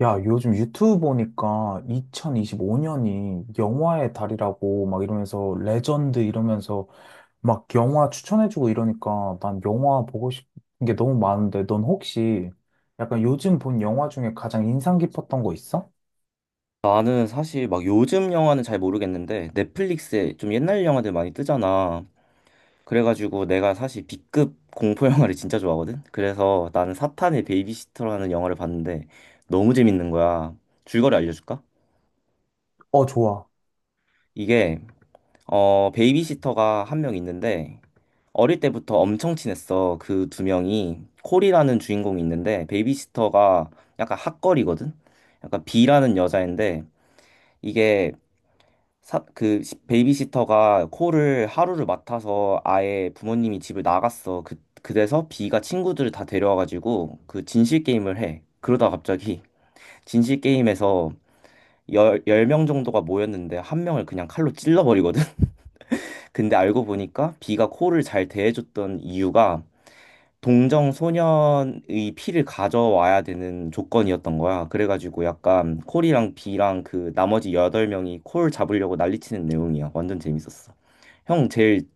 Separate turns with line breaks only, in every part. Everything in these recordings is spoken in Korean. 야, 요즘 유튜브 보니까 2025년이 영화의 달이라고 막 이러면서 레전드 이러면서 막 영화 추천해주고 이러니까 난 영화 보고 싶은 게 너무 많은데 넌 혹시 약간 요즘 본 영화 중에 가장 인상 깊었던 거 있어?
나는 사실 막 요즘 영화는 잘 모르겠는데 넷플릭스에 좀 옛날 영화들 많이 뜨잖아. 그래가지고 내가 사실 B급 공포 영화를 진짜 좋아하거든. 그래서 나는 사탄의 베이비시터라는 영화를 봤는데 너무 재밌는 거야. 줄거리 알려줄까?
어, 좋아.
이게 베이비시터가 한 명 있는데 어릴 때부터 엄청 친했어. 그 두 명이 콜이라는 주인공이 있는데 베이비시터가 약간 핫걸이거든. 약간 B라는 여자인데 이게 베이비시터가 코를 하루를 맡아서 아예 부모님이 집을 나갔어. 그래서 비가 친구들을 다 데려와가지고 그 진실 게임을 해. 그러다 갑자기 진실 게임에서 열 명 정도가 모였는데 한 명을 그냥 칼로 찔러버리거든. 근데 알고 보니까 비가 코를 잘 대해줬던 이유가 동정 소년의 피를 가져와야 되는 조건이었던 거야. 그래가지고 약간 콜이랑 비랑 그 나머지 여덟 명이 콜 잡으려고 난리치는 내용이야. 완전 재밌었어. 형 제일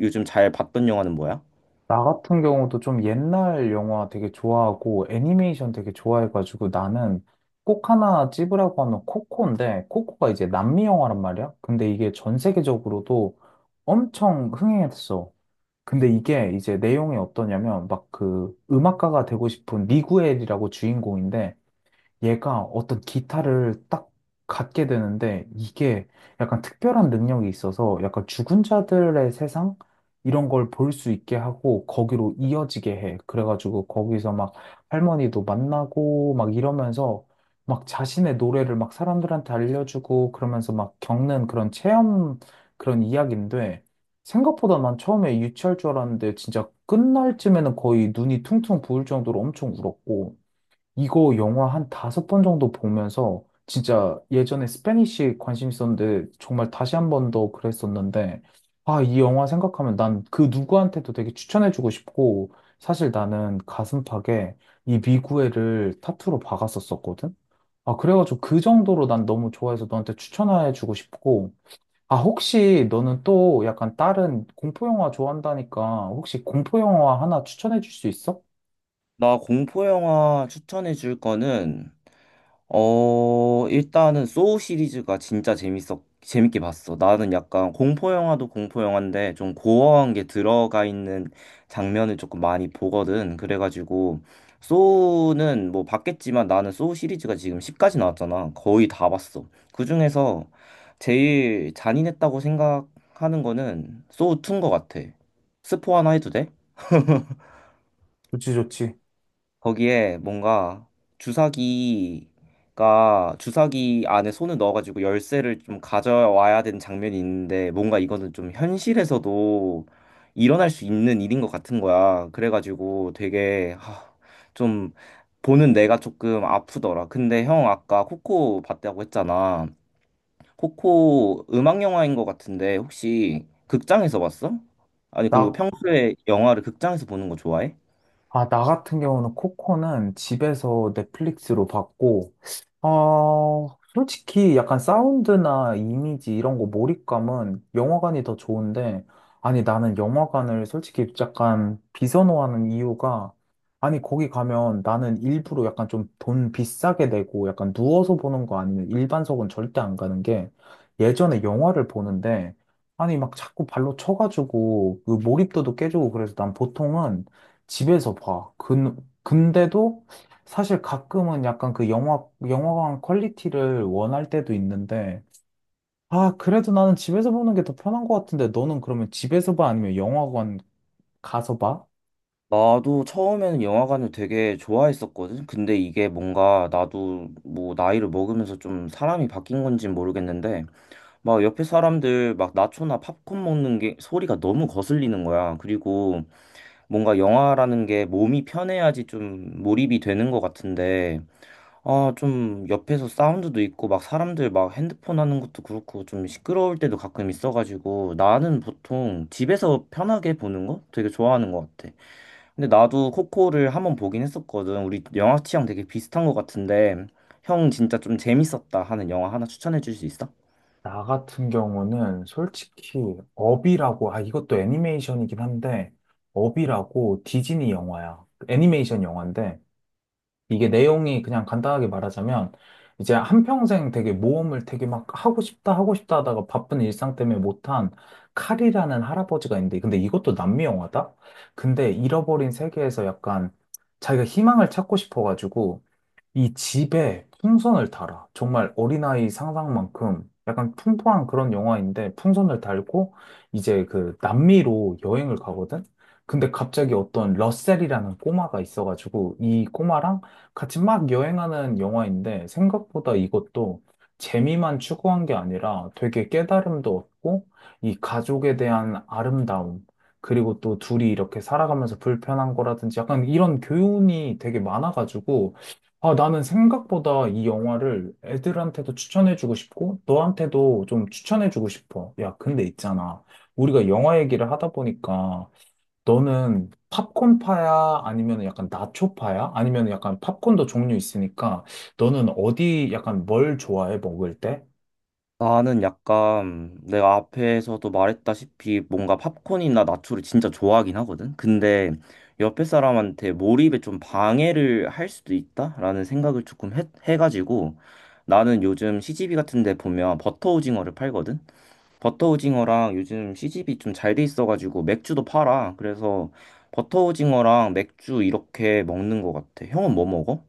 요즘 잘 봤던 영화는 뭐야?
나 같은 경우도 좀 옛날 영화 되게 좋아하고 애니메이션 되게 좋아해가지고 나는 꼭 하나 찝으라고 하면 코코인데, 코코가 이제 남미 영화란 말이야. 근데 이게 전 세계적으로도 엄청 흥행했어. 근데 이게 이제 내용이 어떠냐면 막 그 음악가가 되고 싶은 미구엘이라고 주인공인데, 얘가 어떤 기타를 딱 갖게 되는데, 이게 약간 특별한 능력이 있어서 약간 죽은 자들의 세상 이런 걸 볼 수 있게 하고 거기로 이어지게 해. 그래가지고 거기서 막 할머니도 만나고 막 이러면서 막 자신의 노래를 막 사람들한테 알려주고 그러면서 막 겪는 그런 체험, 그런 이야기인데, 생각보다 난 처음에 유치할 줄 알았는데 진짜 끝날 쯤에는 거의 눈이 퉁퉁 부을 정도로 엄청 울었고, 이거 영화 한 5번 정도 보면서 진짜 예전에 스페니쉬 관심 있었는데 정말 다시 한 번 더 그랬었는데, 아, 이 영화 생각하면 난 그 누구한테도 되게 추천해주고 싶고, 사실 나는 가슴팍에 이 미구애를 타투로 박았었었거든? 아, 그래가지고 그 정도로 난 너무 좋아해서 너한테 추천해주고 싶고, 아, 혹시 너는 또 약간 다른 공포영화 좋아한다니까 혹시 공포영화 하나 추천해줄 수 있어?
나 공포 영화 추천해 줄 거는 일단은 소우 시리즈가 진짜 재밌었 재밌게 봤어. 나는 약간 공포 영화도 공포 영화인데 좀 고어한 게 들어가 있는 장면을 조금 많이 보거든. 그래가지고 소우는 뭐 봤겠지만 나는 소우 시리즈가 지금 10까지 나왔잖아. 거의 다 봤어. 그중에서 제일 잔인했다고 생각하는 거는 소우 2인 것 같아. 스포 하나 해도 돼?
좋지, 좋지.
거기에 뭔가 주사기 안에 손을 넣어가지고 열쇠를 좀 가져와야 되는 장면이 있는데 뭔가 이거는 좀 현실에서도 일어날 수 있는 일인 것 같은 거야. 그래가지고 되게 좀 보는 내가 조금 아프더라. 근데 형 아까 코코 봤다고 했잖아. 코코 음악 영화인 것 같은데 혹시 극장에서 봤어? 아니 그리고
나
평소에 영화를 극장에서 보는 거 좋아해?
아, 나 같은 경우는 코코는 집에서 넷플릭스로 봤고, 어, 솔직히 약간 사운드나 이미지 이런 거 몰입감은 영화관이 더 좋은데, 아니, 나는 영화관을 솔직히 약간 비선호하는 이유가, 아니, 거기 가면 나는 일부러 약간 좀 돈 비싸게 내고 약간 누워서 보는 거 아니면 일반석은 절대 안 가는 게, 예전에 영화를 보는데, 아니, 막 자꾸 발로 쳐가지고 그 몰입도도 깨지고 그래서 난 보통은 집에서 봐. 근데도 사실 가끔은 약간 그 영화관 퀄리티를 원할 때도 있는데, 아, 그래도 나는 집에서 보는 게 더 편한 것 같은데, 너는 그러면 집에서 봐? 아니면 영화관 가서 봐?
나도 처음에는 영화관을 되게 좋아했었거든. 근데 이게 뭔가 나도 뭐 나이를 먹으면서 좀 사람이 바뀐 건지 모르겠는데 막 옆에 사람들 막 나초나 팝콘 먹는 게 소리가 너무 거슬리는 거야. 그리고 뭔가 영화라는 게 몸이 편해야지 좀 몰입이 되는 것 같은데 아, 좀 옆에서 사운드도 있고 막 사람들 막 핸드폰 하는 것도 그렇고 좀 시끄러울 때도 가끔 있어가지고 나는 보통 집에서 편하게 보는 거 되게 좋아하는 것 같아. 근데 나도 코코를 한번 보긴 했었거든. 우리 영화 취향 되게 비슷한 것 같은데, 형 진짜 좀 재밌었다 하는 영화 하나 추천해 줄 수 있어?
나 같은 경우는 솔직히 업이라고, 아, 이것도 애니메이션이긴 한데, 업이라고 디즈니 영화야. 애니메이션 영화인데, 이게 내용이 그냥 간단하게 말하자면 이제 한평생 되게 모험을 되게 막 하고 싶다 하고 싶다 하다가 바쁜 일상 때문에 못한 칼이라는 할아버지가 있는데, 근데 이것도 남미 영화다? 근데 잃어버린 세계에서 약간 자기가 희망을 찾고 싶어가지고 이 집에 풍선을 달아. 정말 어린아이 상상만큼 약간 풍부한 그런 영화인데, 풍선을 달고 이제 그 남미로 여행을 가거든? 근데 갑자기 어떤 러셀이라는 꼬마가 있어가지고 이 꼬마랑 같이 막 여행하는 영화인데, 생각보다 이것도 재미만 추구한 게 아니라 되게 깨달음도 얻고 이 가족에 대한 아름다움, 그리고 또 둘이 이렇게 살아가면서 불편한 거라든지 약간 이런 교훈이 되게 많아가지고, 아, 나는 생각보다 이 영화를 애들한테도 추천해주고 싶고, 너한테도 좀 추천해주고 싶어. 야, 근데 있잖아, 우리가 영화 얘기를 하다 보니까, 너는 팝콘파야? 아니면 약간 나초파야? 아니면 약간 팝콘도 종류 있으니까, 너는 어디 약간 뭘 좋아해, 먹을 때?
나는 약간 내가 앞에서도 말했다시피 뭔가 팝콘이나 나초를 진짜 좋아하긴 하거든. 근데 옆에 사람한테 몰입에 좀 방해를 할 수도 있다라는 생각을 조금 해가지고 나는 요즘 시집이 같은 데 보면 버터 오징어를 팔거든. 버터 오징어랑 요즘 시집이 좀 잘 돼 있어가지고 맥주도 팔아. 그래서 버터 오징어랑 맥주 이렇게 먹는 것 같아. 형은 뭐 먹어?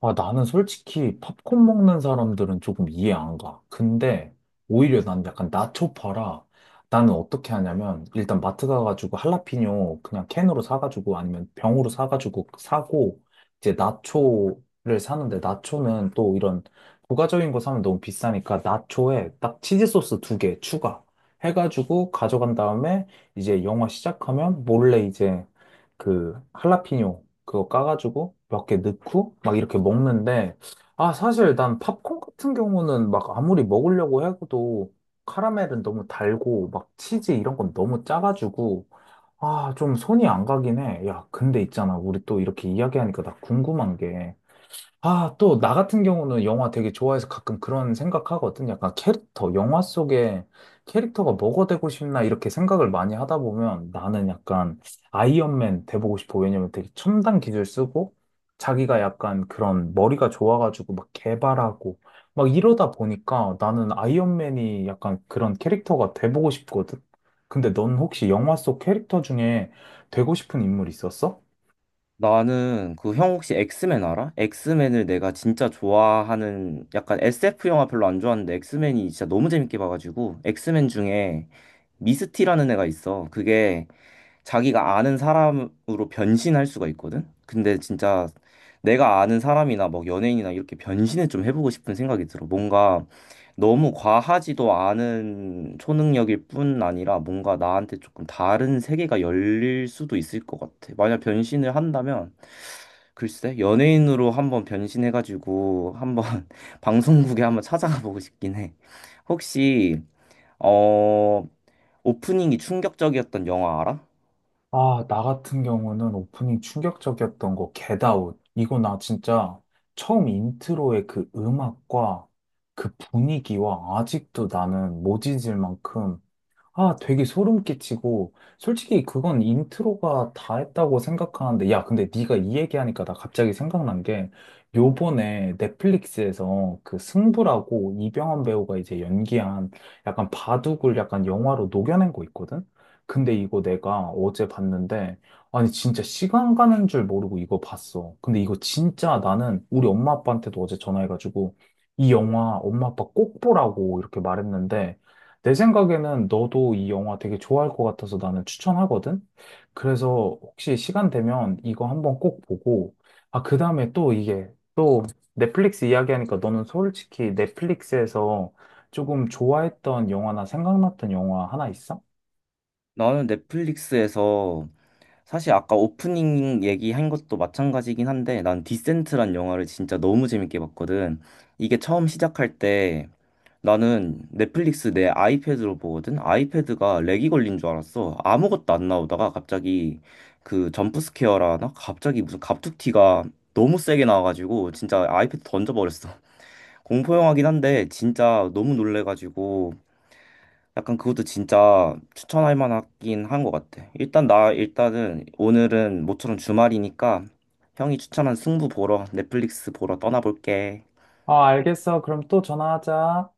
아, 나는 솔직히 팝콘 먹는 사람들은 조금 이해 안 가. 근데 오히려 난 약간 나초 파라. 나는 어떻게 하냐면 일단 마트 가가지고 할라피뇨 그냥 캔으로 사가지고 아니면 병으로 사가지고 사고, 이제 나초를 사는데, 나초는 또 이런 부가적인 거 사면 너무 비싸니까 나초에 딱 치즈 소스 2개 추가 해가지고 가져간 다음에 이제 영화 시작하면 몰래 이제 그 할라피뇨 그거 까가지고 몇 개 넣고 막 이렇게 먹는데, 아, 사실 난 팝콘 같은 경우는 막 아무리 먹으려고 해도 카라멜은 너무 달고 막 치즈 이런 건 너무 짜가지고, 아, 좀 손이 안 가긴 해. 야, 근데 있잖아, 우리 또 이렇게 이야기하니까 나 궁금한 게, 아, 또, 나 같은 경우는 영화 되게 좋아해서 가끔 그런 생각하거든. 약간 캐릭터, 영화 속에 캐릭터가 뭐가 되고 싶나 이렇게 생각을 많이 하다 보면 나는 약간 아이언맨 돼보고 싶어. 왜냐면 되게 첨단 기술 쓰고 자기가 약간 그런 머리가 좋아가지고 막 개발하고 막 이러다 보니까 나는 아이언맨이 약간 그런 캐릭터가 돼보고 싶거든. 근데 넌 혹시 영화 속 캐릭터 중에 되고 싶은 인물 있었어?
나는 그 형 혹시 엑스맨 알아? 엑스맨을 내가 진짜 좋아하는 약간 SF 영화 별로 안 좋아하는데 엑스맨이 진짜 너무 재밌게 봐가지고 엑스맨 중에 미스티라는 애가 있어. 그게 자기가 아는 사람으로 변신할 수가 있거든. 근데 진짜 내가 아는 사람이나 막 연예인이나 이렇게 변신을 좀 해보고 싶은 생각이 들어. 뭔가 너무 과하지도 않은 초능력일 뿐 아니라 뭔가 나한테 조금 다른 세계가 열릴 수도 있을 것 같아. 만약 변신을 한다면 글쎄 연예인으로 한번 변신해가지고 한번 방송국에 한번 찾아가 보고 싶긴 해. 혹시 어 오프닝이 충격적이었던 영화 알아?
아, 나 같은 경우는 오프닝 충격적이었던 거, Get Out. 이거 나 진짜 처음 인트로의 그 음악과 그 분위기와 아직도 나는 못 잊을 만큼, 아, 되게 소름 끼치고, 솔직히 그건 인트로가 다 했다고 생각하는데, 야, 근데 네가 이 얘기하니까 나 갑자기 생각난 게, 요번에 넷플릭스에서 그 승부라고 이병헌 배우가 이제 연기한 약간 바둑을 약간 영화로 녹여낸 거 있거든? 근데 이거 내가 어제 봤는데, 아니, 진짜 시간 가는 줄 모르고 이거 봤어. 근데 이거 진짜 나는 우리 엄마 아빠한테도 어제 전화해가지고, 이 영화 엄마 아빠 꼭 보라고 이렇게 말했는데, 내 생각에는 너도 이 영화 되게 좋아할 것 같아서 나는 추천하거든? 그래서 혹시 시간 되면 이거 한번 꼭 보고, 아, 그 다음에 또 이게, 또 넷플릭스 이야기하니까 너는 솔직히 넷플릭스에서 조금 좋아했던 영화나 생각났던 영화 하나 있어?
나는 넷플릭스에서 사실 아까 오프닝 얘기한 것도 마찬가지긴 한데 난 디센트란 영화를 진짜 너무 재밌게 봤거든. 이게 처음 시작할 때 나는 넷플릭스 내 아이패드로 보거든. 아이패드가 렉이 걸린 줄 알았어. 아무것도 안 나오다가 갑자기 그 점프스케어라 하나? 갑자기 무슨 갑툭튀가 너무 세게 나와가지고 진짜 아이패드 던져버렸어. 공포영화긴 한데 진짜 너무 놀래가지고 약간 그것도 진짜 추천할 만하긴 한 것 같아. 일단 나 일단은 오늘은 모처럼 주말이니까 형이 추천한 승부 보러 넷플릭스 보러 떠나볼게.
아, 알겠어. 그럼 또 전화하자.